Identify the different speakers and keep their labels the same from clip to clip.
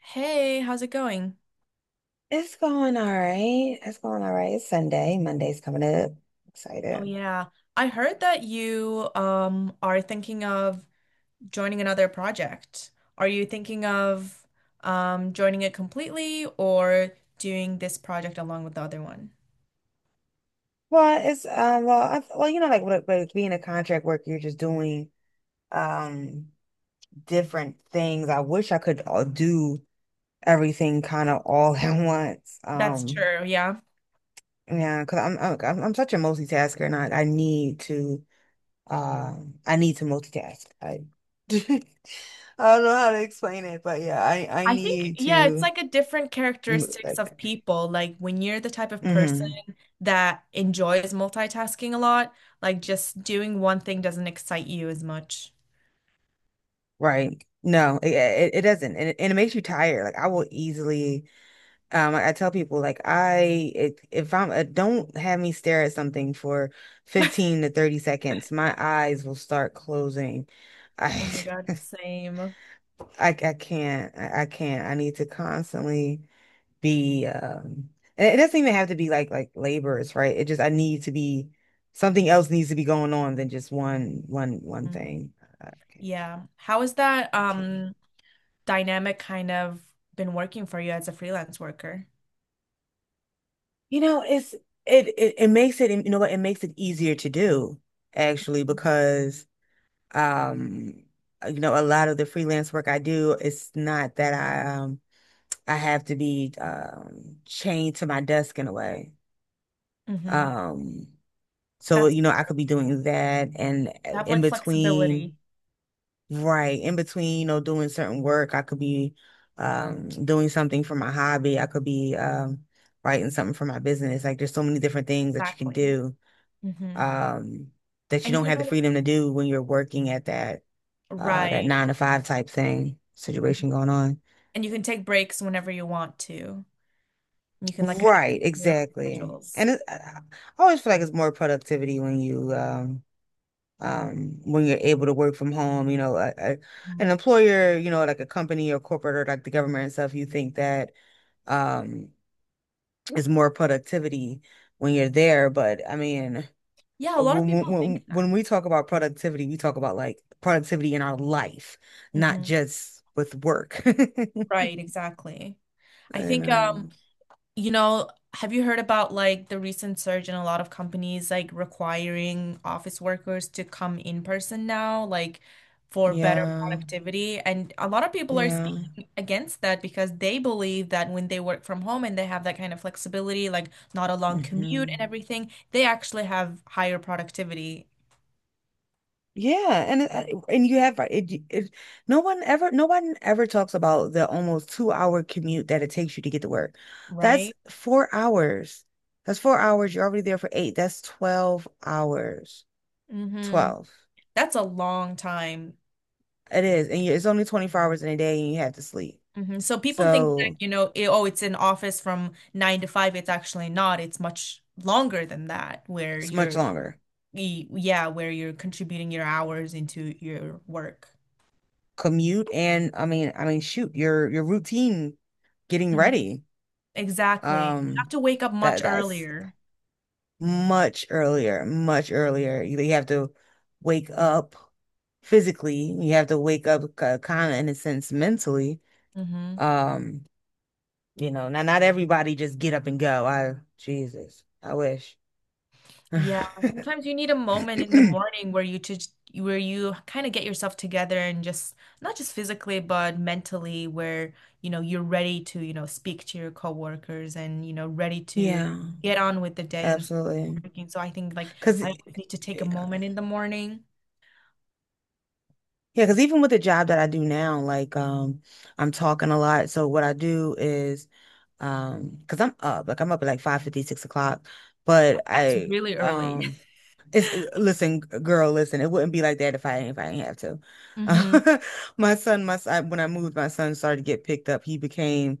Speaker 1: Hey, how's it going?
Speaker 2: It's going all right. It's going all right. It's Sunday. Monday's coming up.
Speaker 1: Oh
Speaker 2: Excited.
Speaker 1: yeah, I heard that you are thinking of joining another project. Are you thinking of joining it completely or doing this project along with the other one?
Speaker 2: Well, it's well well you know like with being a contract worker, you're just doing um different things. I wish I could all do everything kind of all at once.
Speaker 1: That's
Speaker 2: Um
Speaker 1: true, yeah.
Speaker 2: yeah, because I'm such a multitasker, and I need to I need to multitask. I I don't know how to explain it, but yeah, I
Speaker 1: I think,
Speaker 2: need
Speaker 1: yeah, it's
Speaker 2: to
Speaker 1: like a different characteristics
Speaker 2: like.
Speaker 1: of people. Like when you're the type of person
Speaker 2: Mm-hmm.
Speaker 1: that enjoys multitasking a lot, like just doing one thing doesn't excite you as much.
Speaker 2: Right. No, it doesn't. And it makes you tired. Like I will easily, I tell people like I, it, if I'm, don't have me stare at something for 15 to 30 seconds. My eyes will start closing. I,
Speaker 1: Oh my God, same.
Speaker 2: I can't, I can't. I need to constantly be, and it doesn't even have to be like, labors, right? It just, I need to be, something else needs to be going on than just one thing. I can't,
Speaker 1: Yeah. How has that
Speaker 2: I can't.
Speaker 1: dynamic kind of been working for you as a freelance worker?
Speaker 2: You know, it's it makes it, you know what, it makes it easier to do actually because um you know a lot of the freelance work I do, it's not that I have to be chained to my desk in a way.
Speaker 1: Mm-hmm.
Speaker 2: Um, so
Speaker 1: That's
Speaker 2: you know I could be doing that and
Speaker 1: You have
Speaker 2: in
Speaker 1: like flexibility.
Speaker 2: between, right, in between, you know, doing certain work, I could be doing something for my hobby. I could be writing something for my business. Like there's so many different things that you can
Speaker 1: Exactly.
Speaker 2: do
Speaker 1: Mm-hmm.
Speaker 2: um, that you
Speaker 1: And you
Speaker 2: don't
Speaker 1: can
Speaker 2: have the
Speaker 1: kind of
Speaker 2: freedom to do when you're working at that that
Speaker 1: right.
Speaker 2: nine to five type thing situation going on.
Speaker 1: And you can take breaks whenever you want to. And you can like kind
Speaker 2: Right,
Speaker 1: of your own
Speaker 2: exactly.
Speaker 1: schedules.
Speaker 2: And it, I always feel like it's more productivity when you when you're able to work from home. You know,
Speaker 1: Mhm.
Speaker 2: an employer, you know, like a company or corporate or like the government and stuff. You think that um, is more productivity when you're there, but I mean.
Speaker 1: Yeah, a lot of
Speaker 2: when when
Speaker 1: people think
Speaker 2: when
Speaker 1: that.
Speaker 2: when we talk about productivity, we talk about like productivity in our life, not
Speaker 1: Hmm.
Speaker 2: just with work.
Speaker 1: Right, exactly. I
Speaker 2: I
Speaker 1: think,
Speaker 2: know.
Speaker 1: you know, have you heard about like the recent surge in a lot of companies like requiring office workers to come in person now, like for better
Speaker 2: Yeah.
Speaker 1: productivity? And a lot of people are
Speaker 2: Yeah.
Speaker 1: speaking against that because they believe that when they work from home and they have that kind of flexibility, like not a long commute and
Speaker 2: Hmm.
Speaker 1: everything, they actually have higher productivity,
Speaker 2: Yeah, and it- and you have right, no one ever talks about the almost 2-hour commute that it takes you to get to work. That's
Speaker 1: right?
Speaker 2: 4 hours. That's 4 hours. You're already there for 8. That's 12 hours.
Speaker 1: Mm-hmm.
Speaker 2: 12.
Speaker 1: That's a long time.
Speaker 2: It is. And you, it's only 24 hours in a day and you have to sleep.
Speaker 1: Hmm. So people think that,
Speaker 2: So
Speaker 1: you know, it, oh, it's an office from nine to five. It's actually not. It's much longer than that, where
Speaker 2: it's much
Speaker 1: you're,
Speaker 2: longer.
Speaker 1: y- yeah, where you're contributing your hours into your work.
Speaker 2: Commute and I mean, shoot, your routine getting
Speaker 1: Mhm.
Speaker 2: ready.
Speaker 1: Exactly. You have
Speaker 2: Um,
Speaker 1: to wake up
Speaker 2: that
Speaker 1: much
Speaker 2: that's
Speaker 1: earlier.
Speaker 2: much earlier, much earlier. You have to wake up physically. You have to wake up kind of in a sense mentally.
Speaker 1: Hmm.
Speaker 2: Um, you know, not everybody just get up and go. I Jesus, I wish.
Speaker 1: Yeah, sometimes you need a moment in the morning where you kind of get yourself together and just not just physically but mentally, where you know you're ready to speak to your coworkers and ready to
Speaker 2: Yeah,
Speaker 1: get on with the day and start
Speaker 2: absolutely.
Speaker 1: working. So I think, like,
Speaker 2: Because,
Speaker 1: I always need to take a moment in the morning.
Speaker 2: yeah, because even with the job that I do now, like I'm talking a lot. So what I do is because I'm up, like I'm up at like 5:50, 6 o'clock. But
Speaker 1: That's
Speaker 2: I
Speaker 1: really early.
Speaker 2: it's listen, g- girl, listen. It wouldn't be like that if I didn't have
Speaker 1: Mm-hmm.
Speaker 2: to. My son, when I moved, my son started to get picked up. He became,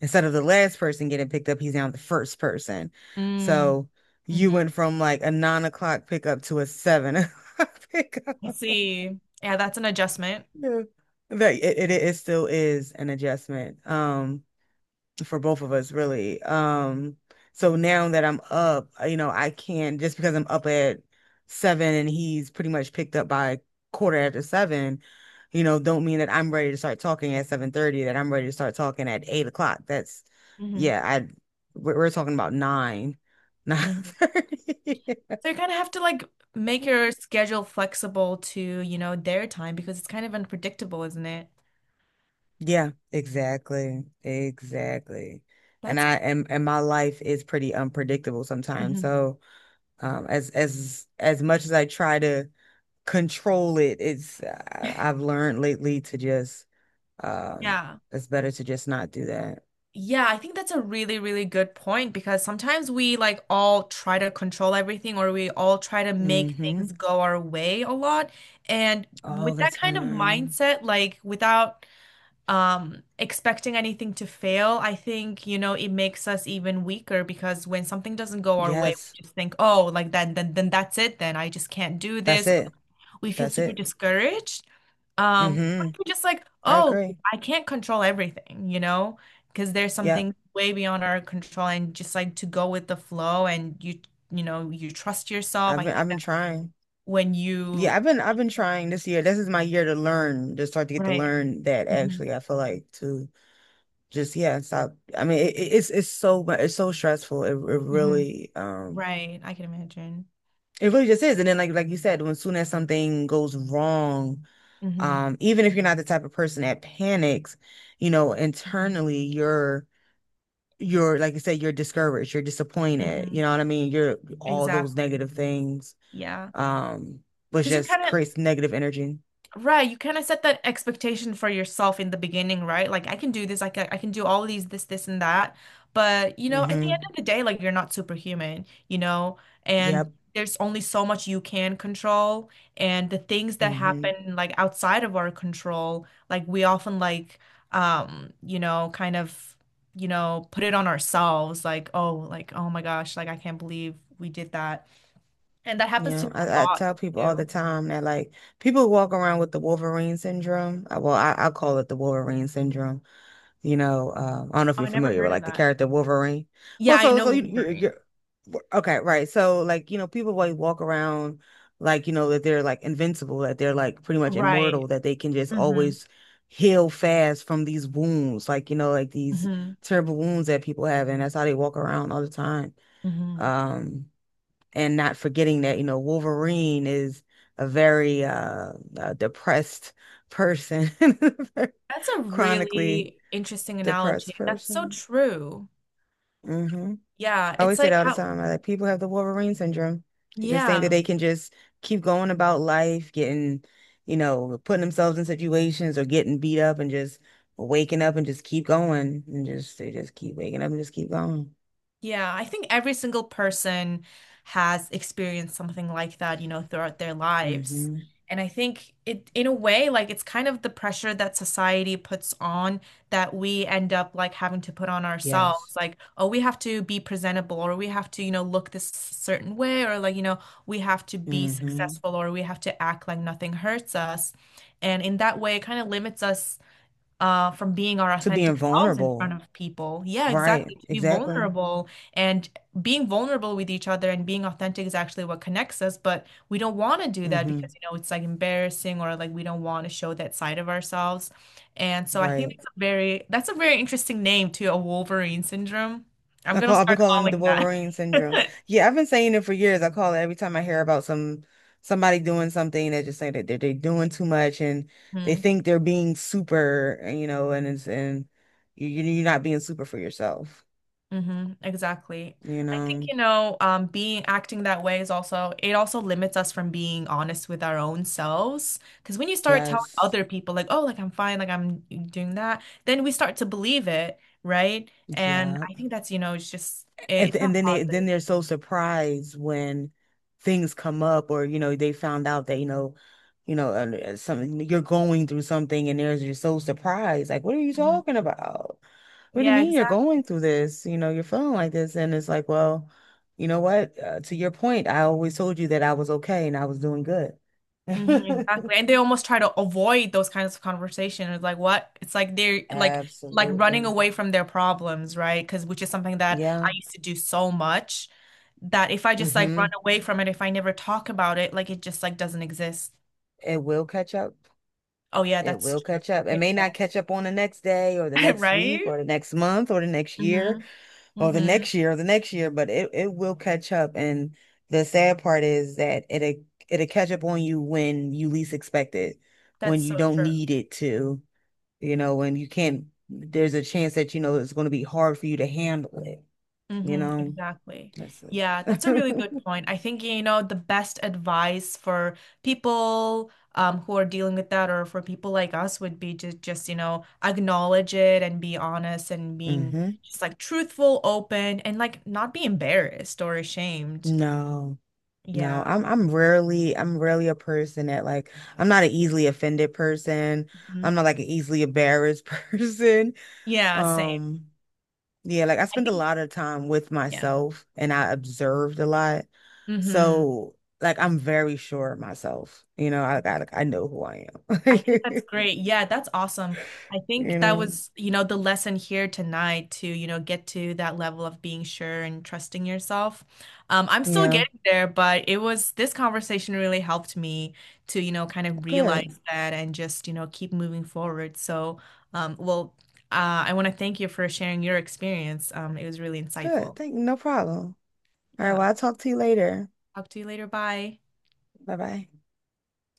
Speaker 2: instead of the last person getting picked up, he's now the first person.
Speaker 1: Mm,
Speaker 2: So
Speaker 1: hmm, mm,
Speaker 2: you went
Speaker 1: hmm.
Speaker 2: from like a 9 o'clock pickup to a 7 o'clock pickup.
Speaker 1: I see. Yeah, that's an adjustment.
Speaker 2: Yeah. That it still is an adjustment for both of us really. Um, so now that I'm up, you know, I can just, because I'm up at 7 and he's pretty much picked up by quarter after 7, you know, don't mean that I'm ready to start talking at 7:30, that I'm ready to start talking at 8 o'clock. That's,
Speaker 1: Hmm,
Speaker 2: yeah, I we're, talking about 9, nine
Speaker 1: hmm.
Speaker 2: thirty.
Speaker 1: So you kind of have to like make your schedule flexible to, you know, their time because it's kind of unpredictable, isn't it?
Speaker 2: Yeah, exactly. Exactly. And
Speaker 1: That's,
Speaker 2: I am, and my life is pretty unpredictable sometimes.
Speaker 1: Mhm.
Speaker 2: So, as much as I try to control it, it's, I've learned lately to just um
Speaker 1: Yeah.
Speaker 2: it's better to just not do that.
Speaker 1: Yeah, I think that's a really, really good point because sometimes we like all try to control everything, or we all try to make
Speaker 2: Mm-hmm.
Speaker 1: things go our way a lot. And
Speaker 2: All
Speaker 1: with
Speaker 2: the
Speaker 1: that kind of
Speaker 2: time.
Speaker 1: mindset, like without expecting anything to fail, I think, you know, it makes us even weaker, because when something doesn't go our way, we
Speaker 2: Yes.
Speaker 1: just think, oh, like then that's it, then I just can't do
Speaker 2: That's
Speaker 1: this,
Speaker 2: it.
Speaker 1: we feel
Speaker 2: That's
Speaker 1: super
Speaker 2: it.
Speaker 1: discouraged. But
Speaker 2: Mm-hmm.
Speaker 1: if we're just like,
Speaker 2: I
Speaker 1: oh,
Speaker 2: agree.
Speaker 1: I can't control everything, you know, because there's
Speaker 2: Yeah,
Speaker 1: something way beyond our control, and just like to go with the flow, and you trust yourself. I think
Speaker 2: I've been
Speaker 1: that
Speaker 2: trying.
Speaker 1: when
Speaker 2: Yeah,
Speaker 1: you,
Speaker 2: I've been trying this year. This is my year to learn, to start to get to
Speaker 1: right,
Speaker 2: learn that
Speaker 1: hmm,
Speaker 2: actually. I feel like to just, yeah, stop. I mean, it, it's so mu- it's so stressful. It,
Speaker 1: hmm, right, I can imagine.
Speaker 2: it really just is. And then like you said, when soon as something goes wrong,
Speaker 1: Hmm,
Speaker 2: even if you're not the type of person that panics, you know,
Speaker 1: hmm,
Speaker 2: internally you're like, you said, you're discouraged, you're disappointed. You
Speaker 1: hmm.
Speaker 2: know what I mean? You're all those
Speaker 1: Exactly.
Speaker 2: negative things,
Speaker 1: Yeah,
Speaker 2: um, which
Speaker 1: because you
Speaker 2: just
Speaker 1: kind of
Speaker 2: creates negative energy.
Speaker 1: right, you kind of set that expectation for yourself in the beginning, right? Like I can do this, I can do all these, this and that. But, you know, at the end
Speaker 2: Mm-hmm.
Speaker 1: of the day, like you're not superhuman, you know,
Speaker 2: Yeah.
Speaker 1: and there's only so much you can control, and the things that
Speaker 2: Hmm.
Speaker 1: happen like outside of our control, like we often like you know, kind of, you know, put it on ourselves like oh my gosh, like I can't believe we did that. And that happens to
Speaker 2: Yeah,
Speaker 1: me a
Speaker 2: I
Speaker 1: lot
Speaker 2: tell people all the
Speaker 1: too.
Speaker 2: time that like people walk around with the Wolverine syndrome. Well, I call it the Wolverine syndrome. You know, I don't know if
Speaker 1: Oh,
Speaker 2: you're
Speaker 1: I never
Speaker 2: familiar with
Speaker 1: heard of
Speaker 2: like the
Speaker 1: that.
Speaker 2: character Wolverine.
Speaker 1: Yeah,
Speaker 2: Well,
Speaker 1: I
Speaker 2: so
Speaker 1: know
Speaker 2: you,
Speaker 1: Wolverine.
Speaker 2: you're okay, right? So like, you know, people like walk around, like you know that they're like invincible, that they're like pretty much immortal,
Speaker 1: Right.
Speaker 2: that they can just
Speaker 1: Hmm,
Speaker 2: always heal fast from these wounds, like you know, like these
Speaker 1: hmm,
Speaker 2: terrible wounds that people have, and that's how they walk around all the time.
Speaker 1: hmm.
Speaker 2: Um, and not forgetting that, you know, Wolverine is a very depressed person,
Speaker 1: That's a
Speaker 2: chronically
Speaker 1: really interesting
Speaker 2: depressed
Speaker 1: analogy. That's so
Speaker 2: person.
Speaker 1: true.
Speaker 2: Hmm.
Speaker 1: Yeah,
Speaker 2: I always
Speaker 1: it's
Speaker 2: say
Speaker 1: like
Speaker 2: that all the
Speaker 1: how,
Speaker 2: time. I like people have the Wolverine syndrome. They just think that
Speaker 1: yeah.
Speaker 2: they can just keep going about life, getting, you know, putting themselves in situations or getting beat up and just waking up and just keep going and just, they just keep waking up and just keep going.
Speaker 1: Yeah, I think every single person has experienced something like that, you know, throughout their lives.
Speaker 2: Hmm.
Speaker 1: And I think it, in a way, like it's kind of the pressure that society puts on that we end up like having to put on
Speaker 2: Yes.
Speaker 1: ourselves. Like, oh, we have to be presentable, or we have to, you know, look this certain way, or like, you know, we have to be
Speaker 2: Hmm.
Speaker 1: successful, or we have to act like nothing hurts us. And in that way, it kind of limits us, from being our
Speaker 2: To being
Speaker 1: authentic selves in front
Speaker 2: vulnerable.
Speaker 1: of people. Yeah,
Speaker 2: Right,
Speaker 1: exactly. To be
Speaker 2: exactly.
Speaker 1: vulnerable and being vulnerable with each other and being authentic is actually what connects us, but we don't want to do that because,
Speaker 2: Hmm.
Speaker 1: you know, it's like embarrassing or like we don't want to show that side of ourselves. And so I think
Speaker 2: Right.
Speaker 1: that's a very interesting name too, a Wolverine syndrome. I'm
Speaker 2: I call,
Speaker 1: gonna
Speaker 2: I've been
Speaker 1: start
Speaker 2: calling it the
Speaker 1: calling that.
Speaker 2: Wolverine syndrome. Yeah, I've been saying it for years. I call it every time I hear about somebody doing something, they just say that they're doing too much, and they
Speaker 1: Hmm.
Speaker 2: think they're being super, and, you know, and it's, and you're not being super for yourself,
Speaker 1: Hmm, exactly.
Speaker 2: you
Speaker 1: I think,
Speaker 2: know.
Speaker 1: you know, being acting that way is also, it also limits us from being honest with our own selves. Because when you start telling
Speaker 2: Yes.
Speaker 1: other people, like, oh, like I'm fine, like I'm doing that, then we start to believe it, right? And
Speaker 2: Yeah.
Speaker 1: I think that's, you know, it's just, it,
Speaker 2: And,
Speaker 1: it's
Speaker 2: and
Speaker 1: not
Speaker 2: then they, then
Speaker 1: positive.
Speaker 2: they're so surprised when things come up, or you know they found out that, you know, something you're going through, something, and there's, you're so surprised like, what are you
Speaker 1: Mhm.
Speaker 2: talking about? What do you
Speaker 1: Yeah,
Speaker 2: mean you're going
Speaker 1: exactly.
Speaker 2: through this? You know, you're feeling like this. And it's like, well, you know what, to your point, I always told you that I was okay and I was doing good.
Speaker 1: Mhm, exactly. And they almost try to avoid those kinds of conversations. It's like what? It's like they're like running
Speaker 2: Absolutely.
Speaker 1: away from their problems, right? Because which is something that
Speaker 2: Yeah.
Speaker 1: I used to do so much that if I just like
Speaker 2: Mm-hmm.
Speaker 1: run away from it, if I never talk about it, like it just like doesn't exist.
Speaker 2: It will catch up.
Speaker 1: Oh yeah,
Speaker 2: It
Speaker 1: that's
Speaker 2: will
Speaker 1: true.
Speaker 2: catch up. It
Speaker 1: It
Speaker 2: may not
Speaker 1: will.
Speaker 2: catch up on the next day or the next week
Speaker 1: Right?
Speaker 2: or the next month or the next year
Speaker 1: Mm-hmm.
Speaker 2: or the
Speaker 1: Mm-hmm.
Speaker 2: next year or the next year, but it will catch up. And the sad part is that it'll catch up on you when you least expect it,
Speaker 1: That's
Speaker 2: when you
Speaker 1: so
Speaker 2: don't
Speaker 1: true.
Speaker 2: need it to, you know, when you can't, there's a chance that, you know, it's going to be hard for you to handle it, you
Speaker 1: Mm-hmm,
Speaker 2: know.
Speaker 1: exactly.
Speaker 2: That's just...
Speaker 1: Yeah, that's a really good point. I think, you know, the best advice for people, who are dealing with that, or for people like us, would be to just, you know, acknowledge it and be honest and being
Speaker 2: Hmm.
Speaker 1: just like truthful, open, and like not be embarrassed or ashamed.
Speaker 2: No. No,
Speaker 1: Yeah.
Speaker 2: I'm rarely, a person that, like, I'm not an easily offended person.
Speaker 1: Mhm.
Speaker 2: I'm not like an easily embarrassed person.
Speaker 1: Yeah, same.
Speaker 2: Um, yeah, like I
Speaker 1: I
Speaker 2: spend a
Speaker 1: think,
Speaker 2: lot of time with
Speaker 1: yeah.
Speaker 2: myself and I observed a lot.
Speaker 1: Mm-hmm.
Speaker 2: So like I'm very sure of myself. You know, I like, I know who I am.
Speaker 1: I think that's great. Yeah, that's awesome. I think
Speaker 2: You
Speaker 1: that
Speaker 2: know.
Speaker 1: was, you know, the lesson here tonight, to, you know, get to that level of being sure and trusting yourself. I'm still
Speaker 2: Yeah.
Speaker 1: getting there, but it was this conversation really helped me to, you know, kind of
Speaker 2: Good.
Speaker 1: realize that and just, you know, keep moving forward. So, well, I want to thank you for sharing your experience. It was really
Speaker 2: Good.
Speaker 1: insightful.
Speaker 2: Thank you. No problem. All right,
Speaker 1: Yeah.
Speaker 2: well, I'll talk to you later.
Speaker 1: Talk to you later. Bye.
Speaker 2: Bye-bye.